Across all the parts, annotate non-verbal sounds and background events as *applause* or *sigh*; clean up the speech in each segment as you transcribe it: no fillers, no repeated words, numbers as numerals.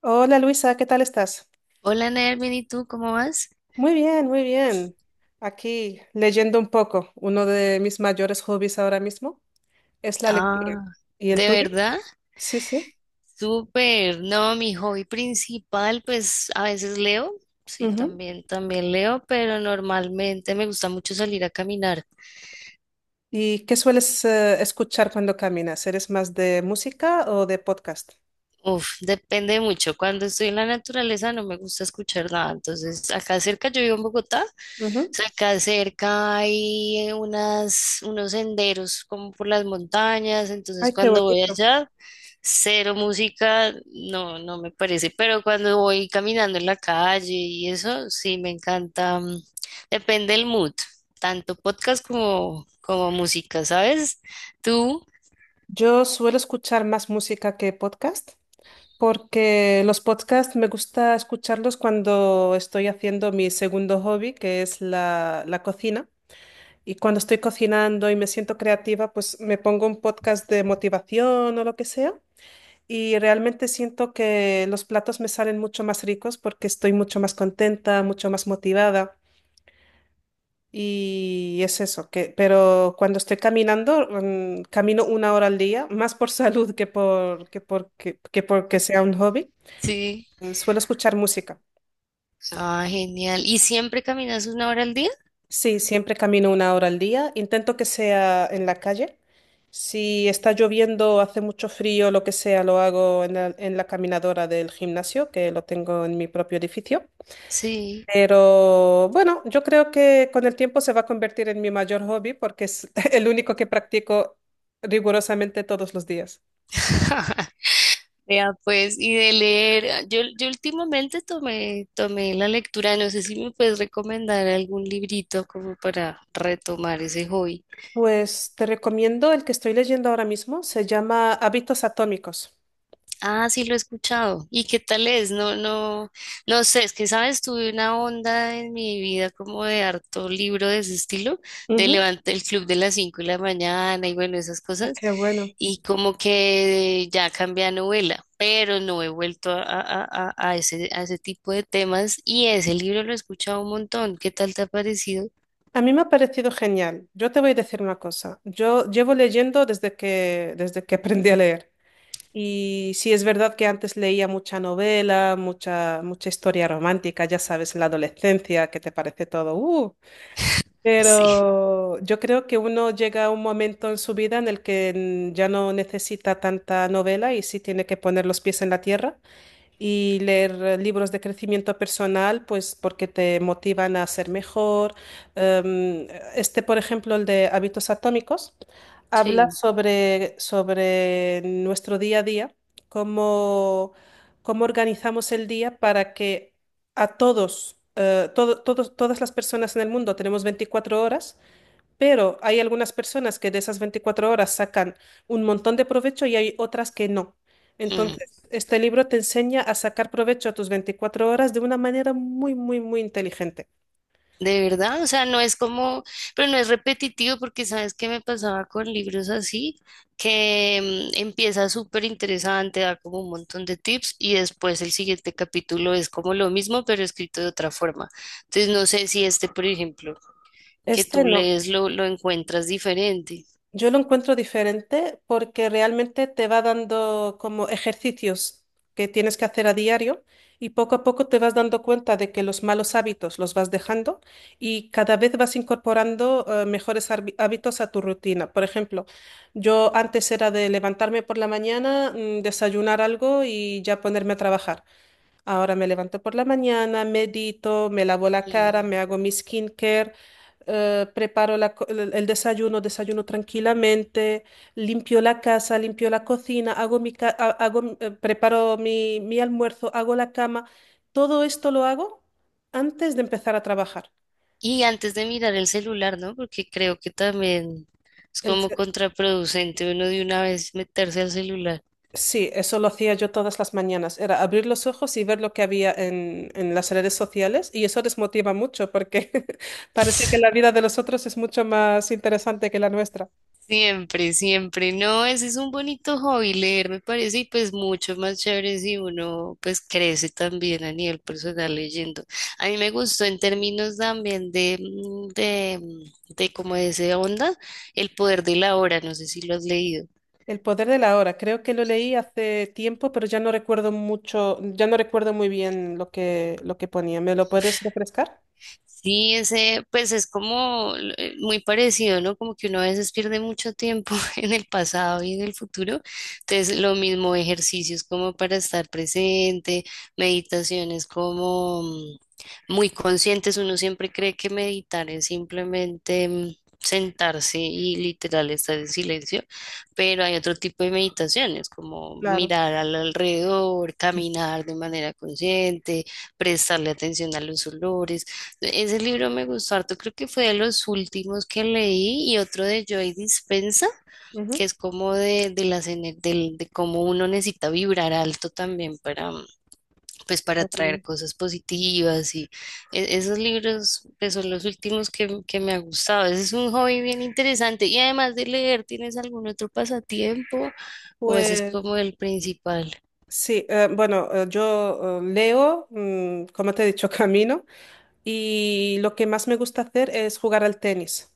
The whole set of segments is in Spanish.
Hola Luisa, ¿qué tal estás? Hola, Ner, bien, ¿y tú cómo vas? Muy bien, muy bien. Aquí leyendo un poco. Uno de mis mayores hobbies ahora mismo es la lectura. Ah, ¿Y el ¿de tuyo? verdad? Sí, sí. Súper. No, mi hobby principal, pues a veces leo, sí, Ujú. también leo, pero normalmente me gusta mucho salir a caminar. ¿Y qué sueles escuchar cuando caminas? ¿Eres más de música o de podcast? Uf, depende mucho. Cuando estoy en la naturaleza no me gusta escuchar nada. Entonces, acá cerca, yo vivo en Bogotá, Ujú. entonces acá cerca hay unos senderos como por las montañas. Entonces, Ay, qué cuando voy bonito. allá, cero música, no, no me parece. Pero cuando voy caminando en la calle y eso, sí me encanta. Depende del mood, tanto podcast como música, ¿sabes? Tú, Yo suelo escuchar más música que podcast porque los podcasts me gusta escucharlos cuando estoy haciendo mi segundo hobby, que es la cocina. Y cuando estoy cocinando y me siento creativa, pues me pongo un podcast de motivación o lo que sea. Y realmente siento que los platos me salen mucho más ricos porque estoy mucho más contenta, mucho más motivada. Y es eso, que, pero cuando estoy caminando, camino una hora al día, más por *laughs* salud que por, que por, que, que porque sea un hobby. sí. Suelo escuchar música. Ah, genial. ¿Y siempre caminas una hora al día? Sí, siempre camino una hora al día. Intento que sea en la calle. Si está lloviendo, hace mucho frío, lo que sea, lo hago en la caminadora del gimnasio, que lo tengo en mi propio edificio. Sí. Pero bueno, yo creo que con el tiempo se va a convertir en mi mayor hobby porque es *laughs* el único que practico rigurosamente todos los días. *laughs* Vea, pues, y de leer, yo últimamente tomé la lectura, no sé si me puedes recomendar algún librito como para retomar ese hobby. Pues te recomiendo el que estoy leyendo ahora mismo, se llama Hábitos Atómicos. Ah, sí, lo he escuchado. ¿Y qué tal es? No, no, no sé, es que, sabes, tuve una onda en mi vida como de harto libro de ese estilo, de Ujú. levantar el club de las 5 de la mañana y bueno, esas Ah, cosas, qué bueno. y como que ya cambié a novela, pero no he vuelto a ese tipo de temas y ese libro lo he escuchado un montón. ¿Qué tal te ha parecido? A mí me ha parecido genial. Yo te voy a decir una cosa. Yo llevo leyendo desde que aprendí a leer. Y sí es verdad que antes leía mucha novela, mucha, mucha historia romántica, ya sabes, la adolescencia, que te parece todo. Así. Pero yo creo que uno llega a un momento en su vida en el que ya no necesita tanta novela y sí tiene que poner los pies en la tierra y leer libros de crecimiento personal, pues porque te motivan a ser mejor. Em, este, por ejemplo, el de hábitos atómicos, habla Sí. sobre nuestro día a día, cómo, cómo organizamos el día para que a todos, todo- todos, todas las personas en el mundo tenemos 24 horas, pero hay algunas personas que de esas 24 horas sacan un montón de provecho y hay otras que no. Mm. Entonces, este libro te enseña a sacar provecho a tus 24 horas de una manera muy, muy, muy inteligente. De verdad, o sea, no es como, pero no es repetitivo porque sabes qué me pasaba con libros así, que empieza súper interesante, da como un montón de tips y después el siguiente capítulo es como lo mismo, pero escrito de otra forma. Entonces, no sé si este, por ejemplo, que Este tú no. lees lo encuentras diferente. Yo lo encuentro diferente porque realmente te va dando como ejercicios que tienes que hacer a diario y poco a poco te vas dando cuenta de que los malos hábitos los vas dejando y cada vez vas incorporando mejores hábitos a tu rutina. Por ejemplo, yo antes era de levantarme por la mañana, desayunar algo y ya ponerme a trabajar. Ahora me levanto por la mañana, medito, me lavo la Mm. cara, me hago mi skincare, el desayuno, desayuno tranquilamente, limpio la casa, limpio la cocina, hago mi ca- ha- hago, mi- preparo mi almuerzo, hago la cama. Todo esto lo hago antes de empezar a trabajar. Y antes de mirar el celular, ¿no? Porque creo que también es como contraproducente uno de una vez meterse al celular. Sí, eso lo hacía yo todas las mañanas. Era abrir los ojos y ver lo que había en las redes sociales y eso desmotiva mucho porque *laughs* parece que la vida de los otros es mucho más interesante que la nuestra. Siempre, siempre. No, ese es un bonito hobby, leer me parece, y pues mucho más chévere si uno pues crece también a nivel personal leyendo. A mí me gustó en términos también de como de esa onda, El poder de la hora, no sé si lo has leído. El poder de la hora, creo que lo leí hace tiempo, pero ya no recuerdo mucho, ya no recuerdo muy bien lo que ponía. ¿Me lo puedes refrescar? Sí, ese, pues es como muy parecido, ¿no? Como que uno a veces pierde mucho tiempo *laughs* en el pasado y en el futuro. Entonces, lo mismo, ejercicios como para estar presente, meditaciones como muy conscientes. Uno siempre cree que meditar es simplemente sentarse y literal estar en silencio, pero hay otro tipo de meditaciones, como Claro. mirar al alrededor, caminar de manera consciente, prestarle atención a los olores. Ese libro me gustó harto, creo que fue de los últimos que leí y otro de Joy Dispensa, que Ujú. es como de las ener- del- de cómo uno necesita vibrar alto también para, pues para Qué atraer bueno. cosas positivas y esos libros pues, son los últimos que me ha gustado. Ese es un hobby bien interesante y además de leer, ¿tienes algún otro pasatiempo o ese es Pues como el principal? sí, bueno, yo leo, como te he dicho, *laughs* camino. Y lo que más me gusta hacer es jugar al tenis.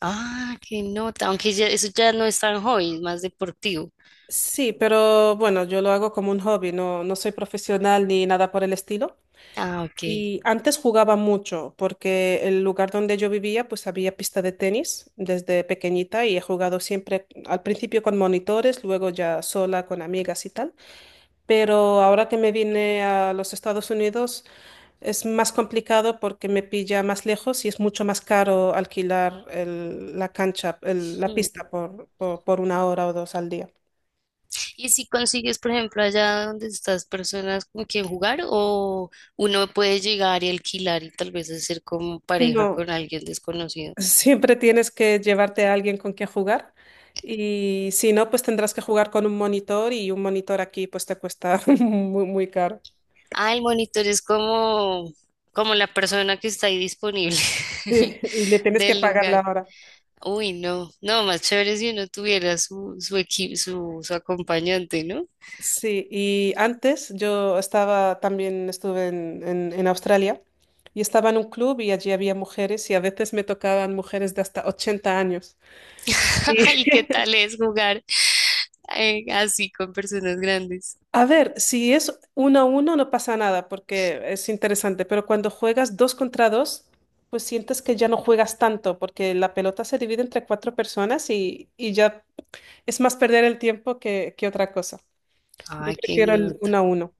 Ah, qué nota, aunque ya, eso ya no es tan hobby, es más deportivo. Sí, pero bueno, yo lo hago como un hobby, no, no soy profesional ni nada por el estilo. Ah, ok. Y antes jugaba mucho porque el lugar donde yo vivía pues había pista de tenis desde pequeñita y he jugado siempre al principio con monitores, luego ya sola con amigas y tal. Pero ahora que me vine a los Estados Unidos, es más complicado porque me pilla más lejos y es mucho más caro alquilar la cancha, la pista por una hora o dos al día. Y si consigues, por ejemplo, allá donde estás personas con quien jugar, o uno puede llegar y alquilar y tal vez hacer como pareja con No, alguien desconocido. siempre tienes que llevarte a alguien con quien jugar y si no, pues tendrás que jugar con un monitor y un monitor aquí pues te cuesta *laughs* muy, muy caro. Ah, el monitor es como, como la persona que está ahí disponible Sí, *laughs* y le tienes que del pagar la lugar. hora. Uy, no, no, más chévere si uno tuviera su, su equipo, su acompañante, ¿no? Sí, y antes yo estaba también, estuve en Australia y estaba en un club y allí había mujeres y a veces me tocaban mujeres de hasta 80 años. Y *laughs* Ay, ¿qué *laughs* tal es jugar así con personas grandes? a ver, si es uno a uno no pasa nada porque es interesante, pero cuando juegas dos contra dos, pues sientes que ya no juegas tanto porque la pelota se divide entre cuatro personas y ya es más perder el tiempo que otra cosa. Yo Ay, que prefiero no. el uno a uno.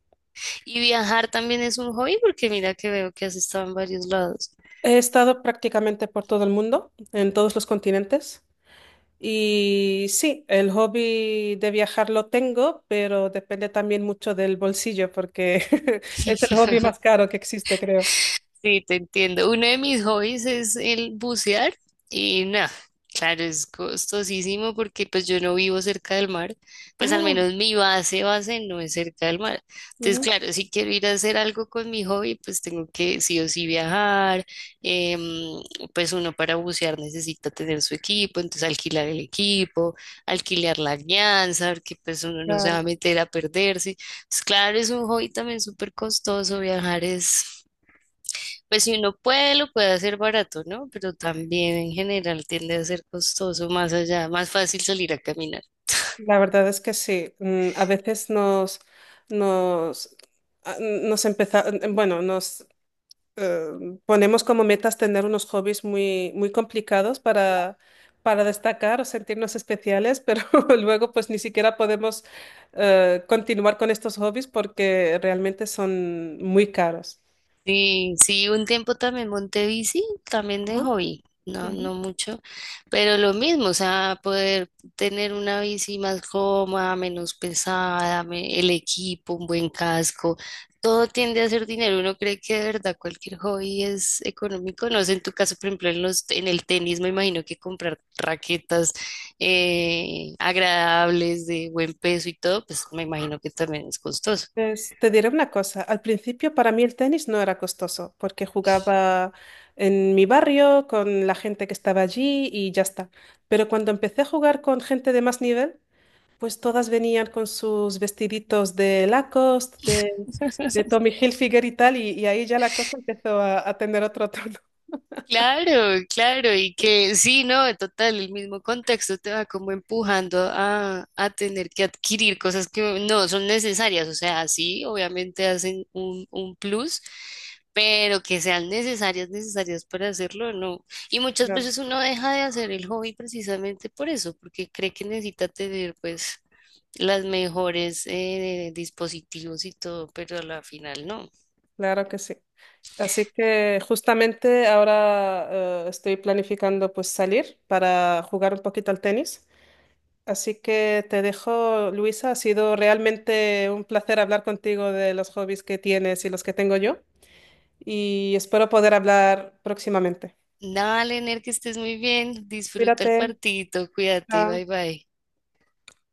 Y viajar también es un hobby porque mira que veo que has estado en varios lados. He estado prácticamente por todo el mundo, en todos los continentes. Y sí, el hobby de viajar lo tengo, pero depende también mucho del bolsillo, porque *laughs* es el hobby más caro que existe, creo. Sí, te entiendo. Uno de mis hobbies es el bucear y nada, claro, es costosísimo porque pues yo no vivo cerca del mar, pues al Ah, menos mi base, base no es cerca del mar. Entonces, ujú, claro, si quiero ir a hacer algo con mi hobby, pues tengo que sí o sí viajar, em, pues uno para bucear necesita tener su equipo, entonces alquilar el equipo, alquilar la guianza, porque pues uno no se va a claro. meter a perderse. Pues claro, es un hobby también súper costoso, viajar es... Pues si uno puede, lo puede hacer barato, ¿no? Pero también en general tiende a ser costoso más allá, más fácil salir a caminar. La verdad es que sí. A veces nos, nos, a- nos empezamos, bueno, nos ponemos como metas tener unos hobbies muy, muy complicados para destacar o sentirnos especiales, pero *laughs* luego pues ni siquiera podemos continuar con estos hobbies porque realmente son muy caros. Sí, sí, un tiempo también monté bici, también de Ajá, hobby, no, ujú. no mucho, pero lo mismo, o sea, poder tener una bici más cómoda, menos pesada, el equipo, un buen casco, todo tiende a ser dinero. Uno cree que de verdad cualquier hobby es económico, no sé, en tu caso, por ejemplo, en los, en el tenis, me imagino que comprar raquetas agradables, de buen peso y todo, pues me imagino que también es costoso. Pues, te diré una cosa, al principio para mí el tenis no era costoso porque jugaba en mi barrio con la gente que estaba allí y ya está. Pero cuando empecé a jugar con gente de más nivel, pues todas venían con sus vestiditos de Lacoste, de *laughs* Tommy Hilfiger y tal, y ahí ya la cosa empezó a tener otro tono. *laughs* Claro, claro, y que sí, no, en total, el mismo contexto te va como empujando a tener que adquirir cosas que no son necesarias, o sea, sí, obviamente hacen un plus, pero que sean necesarias, necesarias para hacerlo, no. Y muchas Claro, veces uno deja de hacer el hobby precisamente por eso, porque cree que necesita tener pues las mejores dispositivos y todo, pero a la final no. claro que sí. Así que justamente ahora estoy planificando pues salir para jugar un poquito al tenis. Así que te dejo, Luisa. Ha sido realmente un placer hablar contigo de los hobbies que tienes y los que tengo yo. Y espero poder hablar próximamente. Dale, Ner, que estés muy bien. Disfruta el Cuídate. partidito. Cuídate. Bye Chao. bye.